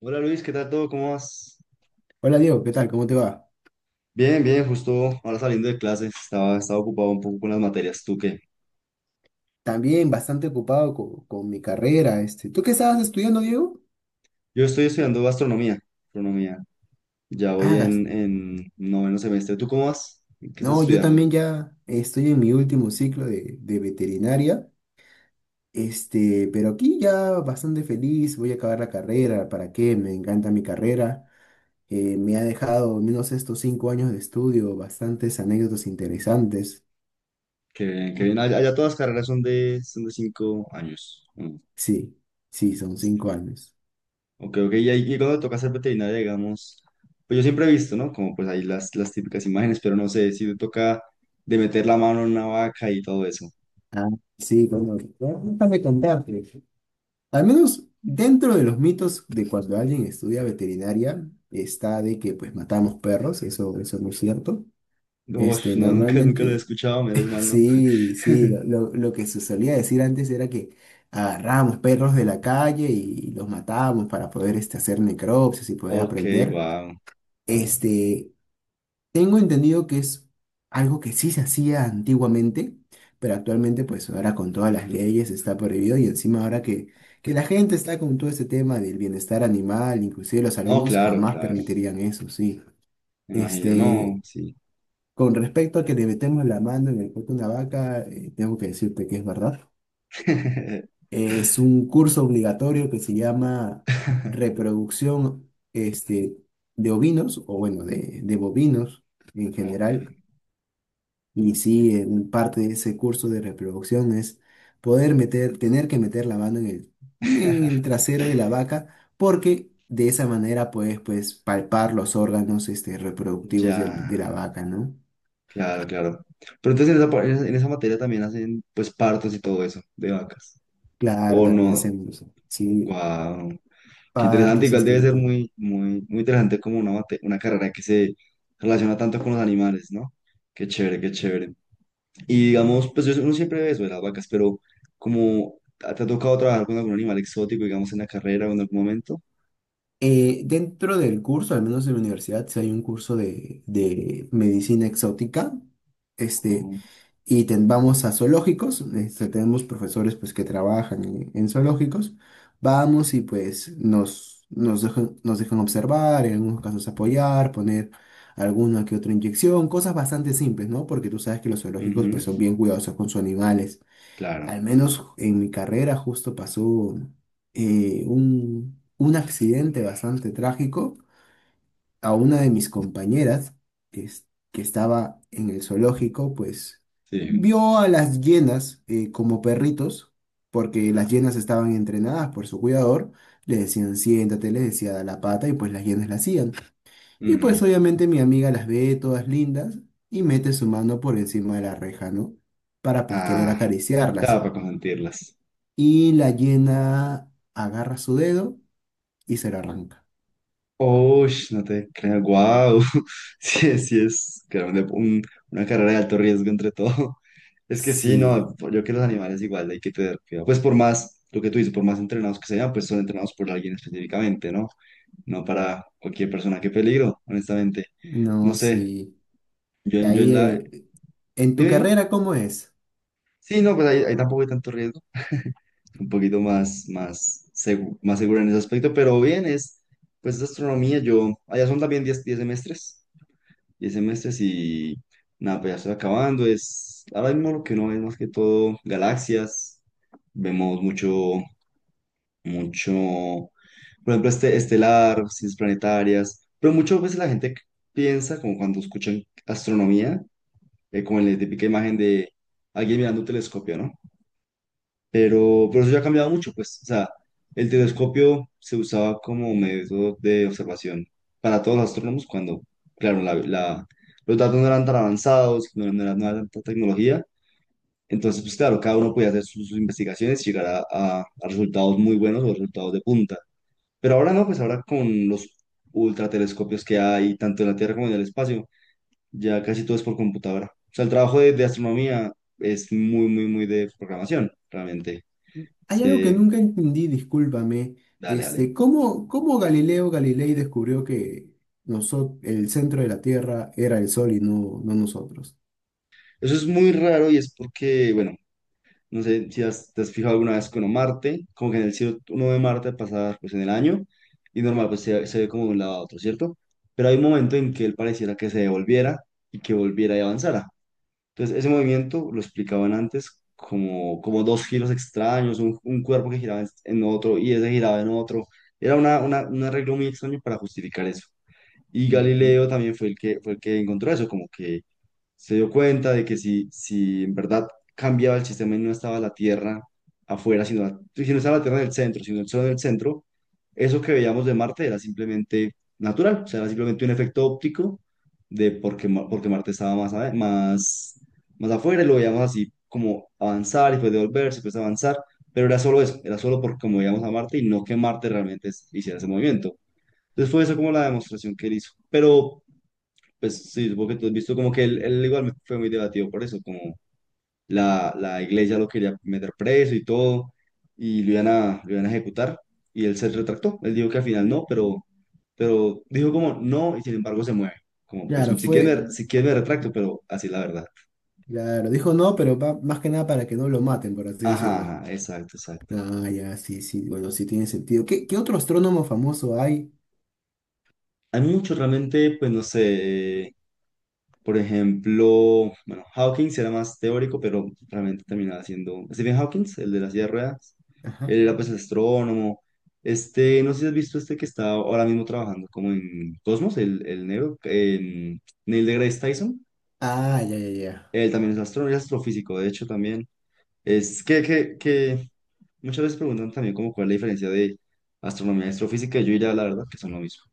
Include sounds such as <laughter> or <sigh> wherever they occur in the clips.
Hola Luis, ¿qué tal todo? ¿Cómo vas? Hola Diego, ¿qué tal? ¿Cómo te va? Bien, bien, justo ahora saliendo de clases, estaba ocupado un poco con las materias. ¿Tú qué? También bastante ocupado con, mi carrera. ¿Tú qué estabas estudiando, Diego? Yo estoy estudiando gastronomía, gastronomía. Ya voy Hagas. en noveno semestre. ¿Tú cómo vas? ¿Qué estás No, yo estudiando? también ya estoy en mi último ciclo de veterinaria, pero aquí ya bastante feliz, voy a acabar la carrera, ¿para qué? Me encanta mi carrera. Me ha dejado, al menos estos 5 años de estudio, bastantes anécdotas interesantes. Qué bien, qué bien. Allá, allá todas las carreras son de 5 años. Mm. Sí, sí, son 5 años. Ok, ok. Y, y cuando toca ser veterinaria, digamos, pues yo siempre he visto, ¿no? Como pues ahí las típicas imágenes, pero no sé si te toca de meter la mano en una vaca y todo eso. Ah, sí, como que déjame contarte. Al menos dentro de los mitos de cuando alguien estudia veterinaria, está de que pues matamos perros, eso no es cierto. Uf, no, nunca, nunca lo he Normalmente, escuchado, menos mal, ¿no? sí, sí, <laughs> lo que se solía decir antes era que agarrábamos perros de la calle y los matábamos para poder hacer necropsias y poder Ok, aprender. wow, wow. Este, Tengo entendido que es algo que sí se hacía antiguamente, pero actualmente pues ahora con todas las leyes está prohibido y encima ahora que la gente está con todo este tema del bienestar animal, inclusive los No, alumnos claro, jamás claro. permitirían eso, sí. Me imagino, Este, no, sí. con respecto a que le metemos la mano en el cuerpo de una vaca, tengo que decirte que es verdad. <laughs> Es un curso obligatorio que se llama reproducción de ovinos, o bueno, de bovinos en Ok. general. Y sí, en parte de ese curso de reproducción es tener que meter la mano en el <laughs> trasero de la vaca, porque de esa manera puedes pues palpar los órganos reproductivos Ya, la vaca, ¿no? claro, claro. Pero entonces en esa, en esa materia también hacen pues partos y todo eso de vacas. Claro, ¿O también se no? usa. Sí, Wow. Qué interesante. partos, Igual debe ser histerectomía. muy, muy, muy interesante como una, una carrera que se relaciona tanto con los animales, ¿no? Qué chévere, qué chévere. Y digamos, pues uno siempre ve eso de las vacas, pero como ¿te ha tocado trabajar con algún animal exótico, digamos, en la carrera o en algún momento? Dentro del curso, al menos en la universidad, sí hay un curso de medicina exótica. Este, No. y vamos a zoológicos, tenemos profesores pues que trabajan en zoológicos, vamos y pues nos dejan observar, en algunos casos apoyar, poner alguna que otra inyección, cosas bastante simples, ¿no? Porque tú sabes que los zoológicos Ujú, pues son bien cuidadosos con sus animales. claro, Al menos en mi carrera justo pasó un accidente bastante trágico a una de mis compañeras es- que estaba en el zoológico, pues sí. vio a las hienas como perritos, porque las hienas estaban entrenadas por su cuidador, le decían siéntate, le decía da la pata y pues las hienas la hacían. Y Ujú. pues obviamente mi amiga las ve todas lindas y mete su mano por encima de la reja, ¿no? Para pues querer Ah, claro, acariciarlas. para consentirlas. Y la hiena agarra su dedo y se lo arranca. Uy, no te creas, guau. <laughs> Sí, sí es claro, una carrera de alto riesgo entre todo. <laughs> Es que sí, no, Sí, yo creo que los animales igual hay que tener cuidado. Pues por más, lo que tú dices, por más entrenados que sean, pues son entrenados por alguien específicamente, ¿no? No para cualquier persona, qué peligro, honestamente. No no, sé, sí. Yo Ahí, en la... en tu Dime, dime. carrera, ¿cómo es? Sí, no, pues ahí, ahí tampoco hay tanto riesgo, un poquito más, más, más seguro en ese aspecto, pero bien, es, pues es astronomía, yo, allá son también diez semestres, 10 semestres y nada, pues ya estoy acabando, es, ahora mismo lo que uno ve es más que todo, galaxias, vemos mucho, mucho, por ejemplo, este, estelar, ciencias planetarias, pero muchas veces la gente piensa, como cuando escuchan astronomía, como en la típica imagen de alguien mirando un telescopio, ¿no? Pero eso ya ha cambiado mucho, pues, o sea, el telescopio se usaba como método de observación para todos los astrónomos cuando, claro, los datos no eran tan avanzados, no, no era, no era tanta tecnología, entonces, pues claro, cada uno podía hacer sus, sus investigaciones y llegar a, a resultados muy buenos o resultados de punta. Pero ahora no, pues ahora con los ultratelescopios que hay, tanto en la Tierra como en el espacio, ya casi todo es por computadora. O sea, el trabajo de astronomía es muy, muy, muy de programación, realmente. Hay algo que Se, nunca entendí, discúlpame. dale, dale. ¿Cómo Galileo Galilei descubrió que el centro de la Tierra era el Sol y no nosotros? Eso es muy raro y es porque, bueno, no sé si te has fijado alguna vez con Marte, como que en el cielo uno ve Marte pasar pues en el año y normal pues se ve como de un lado a otro, ¿cierto? Pero hay un momento en que él pareciera que se devolviera y que volviera y avanzara. Entonces, ese movimiento lo explicaban antes como, como dos giros extraños, un cuerpo que giraba en otro y ese giraba en otro. Era una, un arreglo muy extraño para justificar eso. Y Ujú. Galileo también fue el que encontró eso, como que se dio cuenta de que si, si en verdad cambiaba el sistema y no estaba la Tierra afuera, sino si no estaba la Tierra en el centro, sino el Sol en el centro, eso que veíamos de Marte era simplemente natural, o sea, era simplemente un efecto óptico de porque, porque Marte estaba más, más, más afuera y lo veíamos así como avanzar y pues devolverse, y pues avanzar, pero era solo eso, era solo por como veíamos a Marte y no que Marte realmente hiciera ese movimiento. Entonces fue esa como la demostración que él hizo. Pero, pues sí, supongo que tú has visto como que él igual fue muy debatido por eso, como la iglesia lo quería meter preso y todo, y lo iban a ejecutar, y él se retractó. Él dijo que al final no, pero dijo como no, y sin embargo se mueve. Como, pues Claro, si quieren, si quieren me retracto, pero así es la verdad. claro, dijo no, pero más que nada para que no lo maten, por así Ajá, decirlo. ajá, exacto, exacto. Ah, ya, sí, sí, bueno, sí tiene sentido. ¿Qué otro astrónomo famoso hay? Hay mucho realmente, pues no sé, por ejemplo, bueno, Hawkins era más teórico, pero realmente terminaba siendo Stephen Hawking el de la silla de ruedas. Ajá. Él era pues el astrónomo. Este, no sé si has visto este que está ahora mismo trabajando como en Cosmos, el negro, en Neil deGrasse Tyson. Ah, ya, ya, ya. Él también es astrónomo, y astrofísico, de hecho también. Es que muchas veces preguntan también como cuál es la diferencia de astronomía y astrofísica. Y yo diría la verdad que son lo mismo.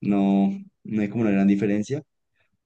No, no hay como una gran diferencia.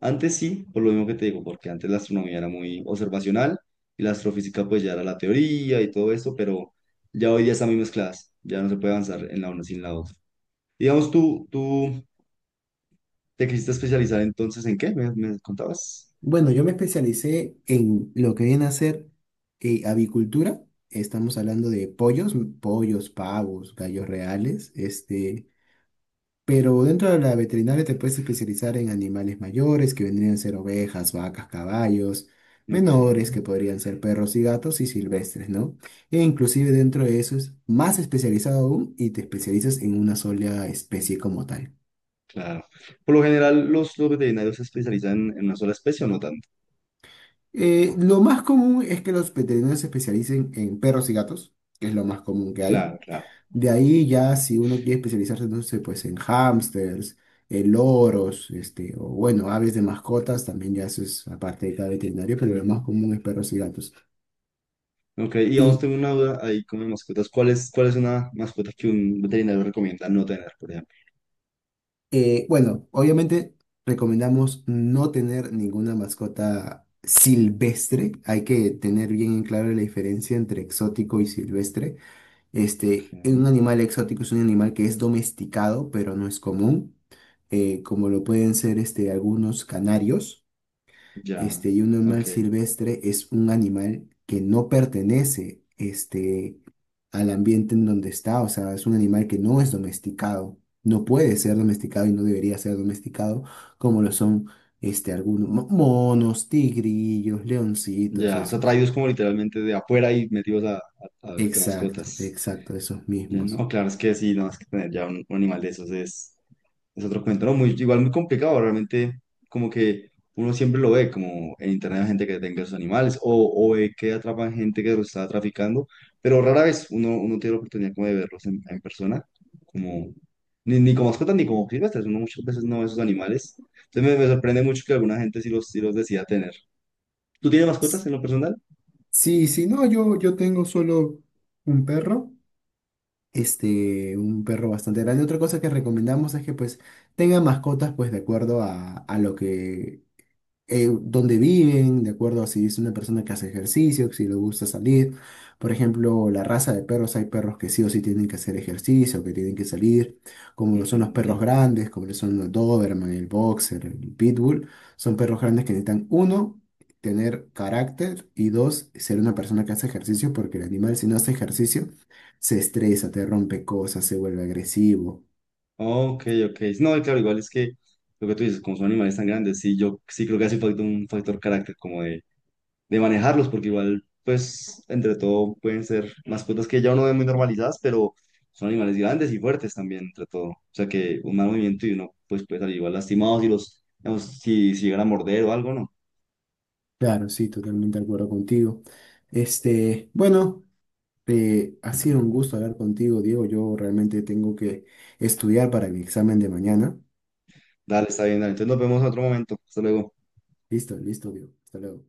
Antes sí, por lo mismo que te digo, porque antes la astronomía era muy observacional y la astrofísica pues ya era la teoría y todo eso, pero ya hoy día están muy mezcladas, ya no se puede avanzar en la una sin la otra. Digamos, tú te quisiste especializar entonces en qué, me contabas. Bueno, yo me especialicé en lo que viene a ser avicultura. Estamos hablando de pollos, pavos, gallos reales, pero dentro de la veterinaria te puedes especializar en animales mayores, que vendrían a ser ovejas, vacas, caballos, Ok, menores, que podrían ser perros y gatos y silvestres, ¿no? E inclusive dentro de eso es más especializado aún y te especializas en una sola especie como tal. claro. Por lo general los veterinarios se especializan en una sola especie o no tanto. Lo más común es que los veterinarios se especialicen en perros y gatos, que es lo más común que hay. Claro, claro. De ahí ya si uno quiere especializarse, no sé, pues en hámsters, en loros, o bueno, aves de mascotas, también ya eso es aparte de cada veterinario, pero lo Ujú. más común es perros y gatos. Ok, y vamos, Y tengo una duda ahí con mis mascotas. Cuál es una mascota que un veterinario recomienda no tener, por ejemplo? Bueno, obviamente recomendamos no tener ninguna mascota silvestre. Hay que tener bien en claro la diferencia entre exótico y silvestre. Ok, Un animal exótico es un animal que es domesticado, pero no es común, como lo pueden ser algunos canarios. ya, Y un animal ok. silvestre es un animal que no pertenece al ambiente en donde está, o sea, es un animal que no es domesticado, no puede ser domesticado y no debería ser domesticado, como lo son algunos monos, tigrillos, leoncitos, Ya, o sea, esos. traídos como literalmente de afuera y metidos a, de Exacto, mascotas. exacto, esos Ya, mismos. no, claro, es que sí, no, es que tener ya un animal de esos es otro cuento, ¿no? Muy, igual muy complicado, realmente, como que uno siempre lo ve, como en internet hay gente que tenga sus animales, o ve que atrapan gente que los está traficando, pero rara vez uno tiene la oportunidad como de verlos en persona, como, ni, ni como mascotas ni como silvestres, uno muchas veces no ve esos animales. Entonces me sorprende mucho que alguna gente sí los decida tener. ¿Tú tienes mascotas en lo personal? Sí, sí, no, yo tengo solo un perro, un perro bastante grande. Otra cosa que recomendamos es que pues tenga mascotas pues de acuerdo a lo que dónde viven, de acuerdo a si es una persona que hace ejercicio, si le gusta salir. Por ejemplo, la raza de perros, hay perros que sí o sí tienen que hacer ejercicio, que tienen que salir, como lo son los Mm, perros ya. grandes, como lo son los Doberman, el Boxer, el Pitbull. Son perros grandes que necesitan, uno, tener carácter y dos, ser una persona que hace ejercicio, porque el animal si no hace ejercicio, se estresa, te rompe cosas, se vuelve agresivo. Ok, ok. No, y claro, igual es que lo que tú dices, como son animales tan grandes, sí, yo sí creo que hace falta un factor carácter como de manejarlos, porque igual, pues, entre todo pueden ser mascotas que ya uno ve muy normalizadas, pero son animales grandes y fuertes también, entre todo. O sea que un mal movimiento y uno, pues, puede salir igual lastimado si los, digamos, si, si llegan a morder o algo, ¿no? Claro, sí, totalmente de acuerdo contigo. Bueno. Ha sido un gusto hablar contigo, Diego. Yo realmente tengo que estudiar para mi examen de mañana. Dale, está bien, dale. Entonces nos vemos en otro momento. Hasta luego. Listo, listo, Diego. Hasta luego.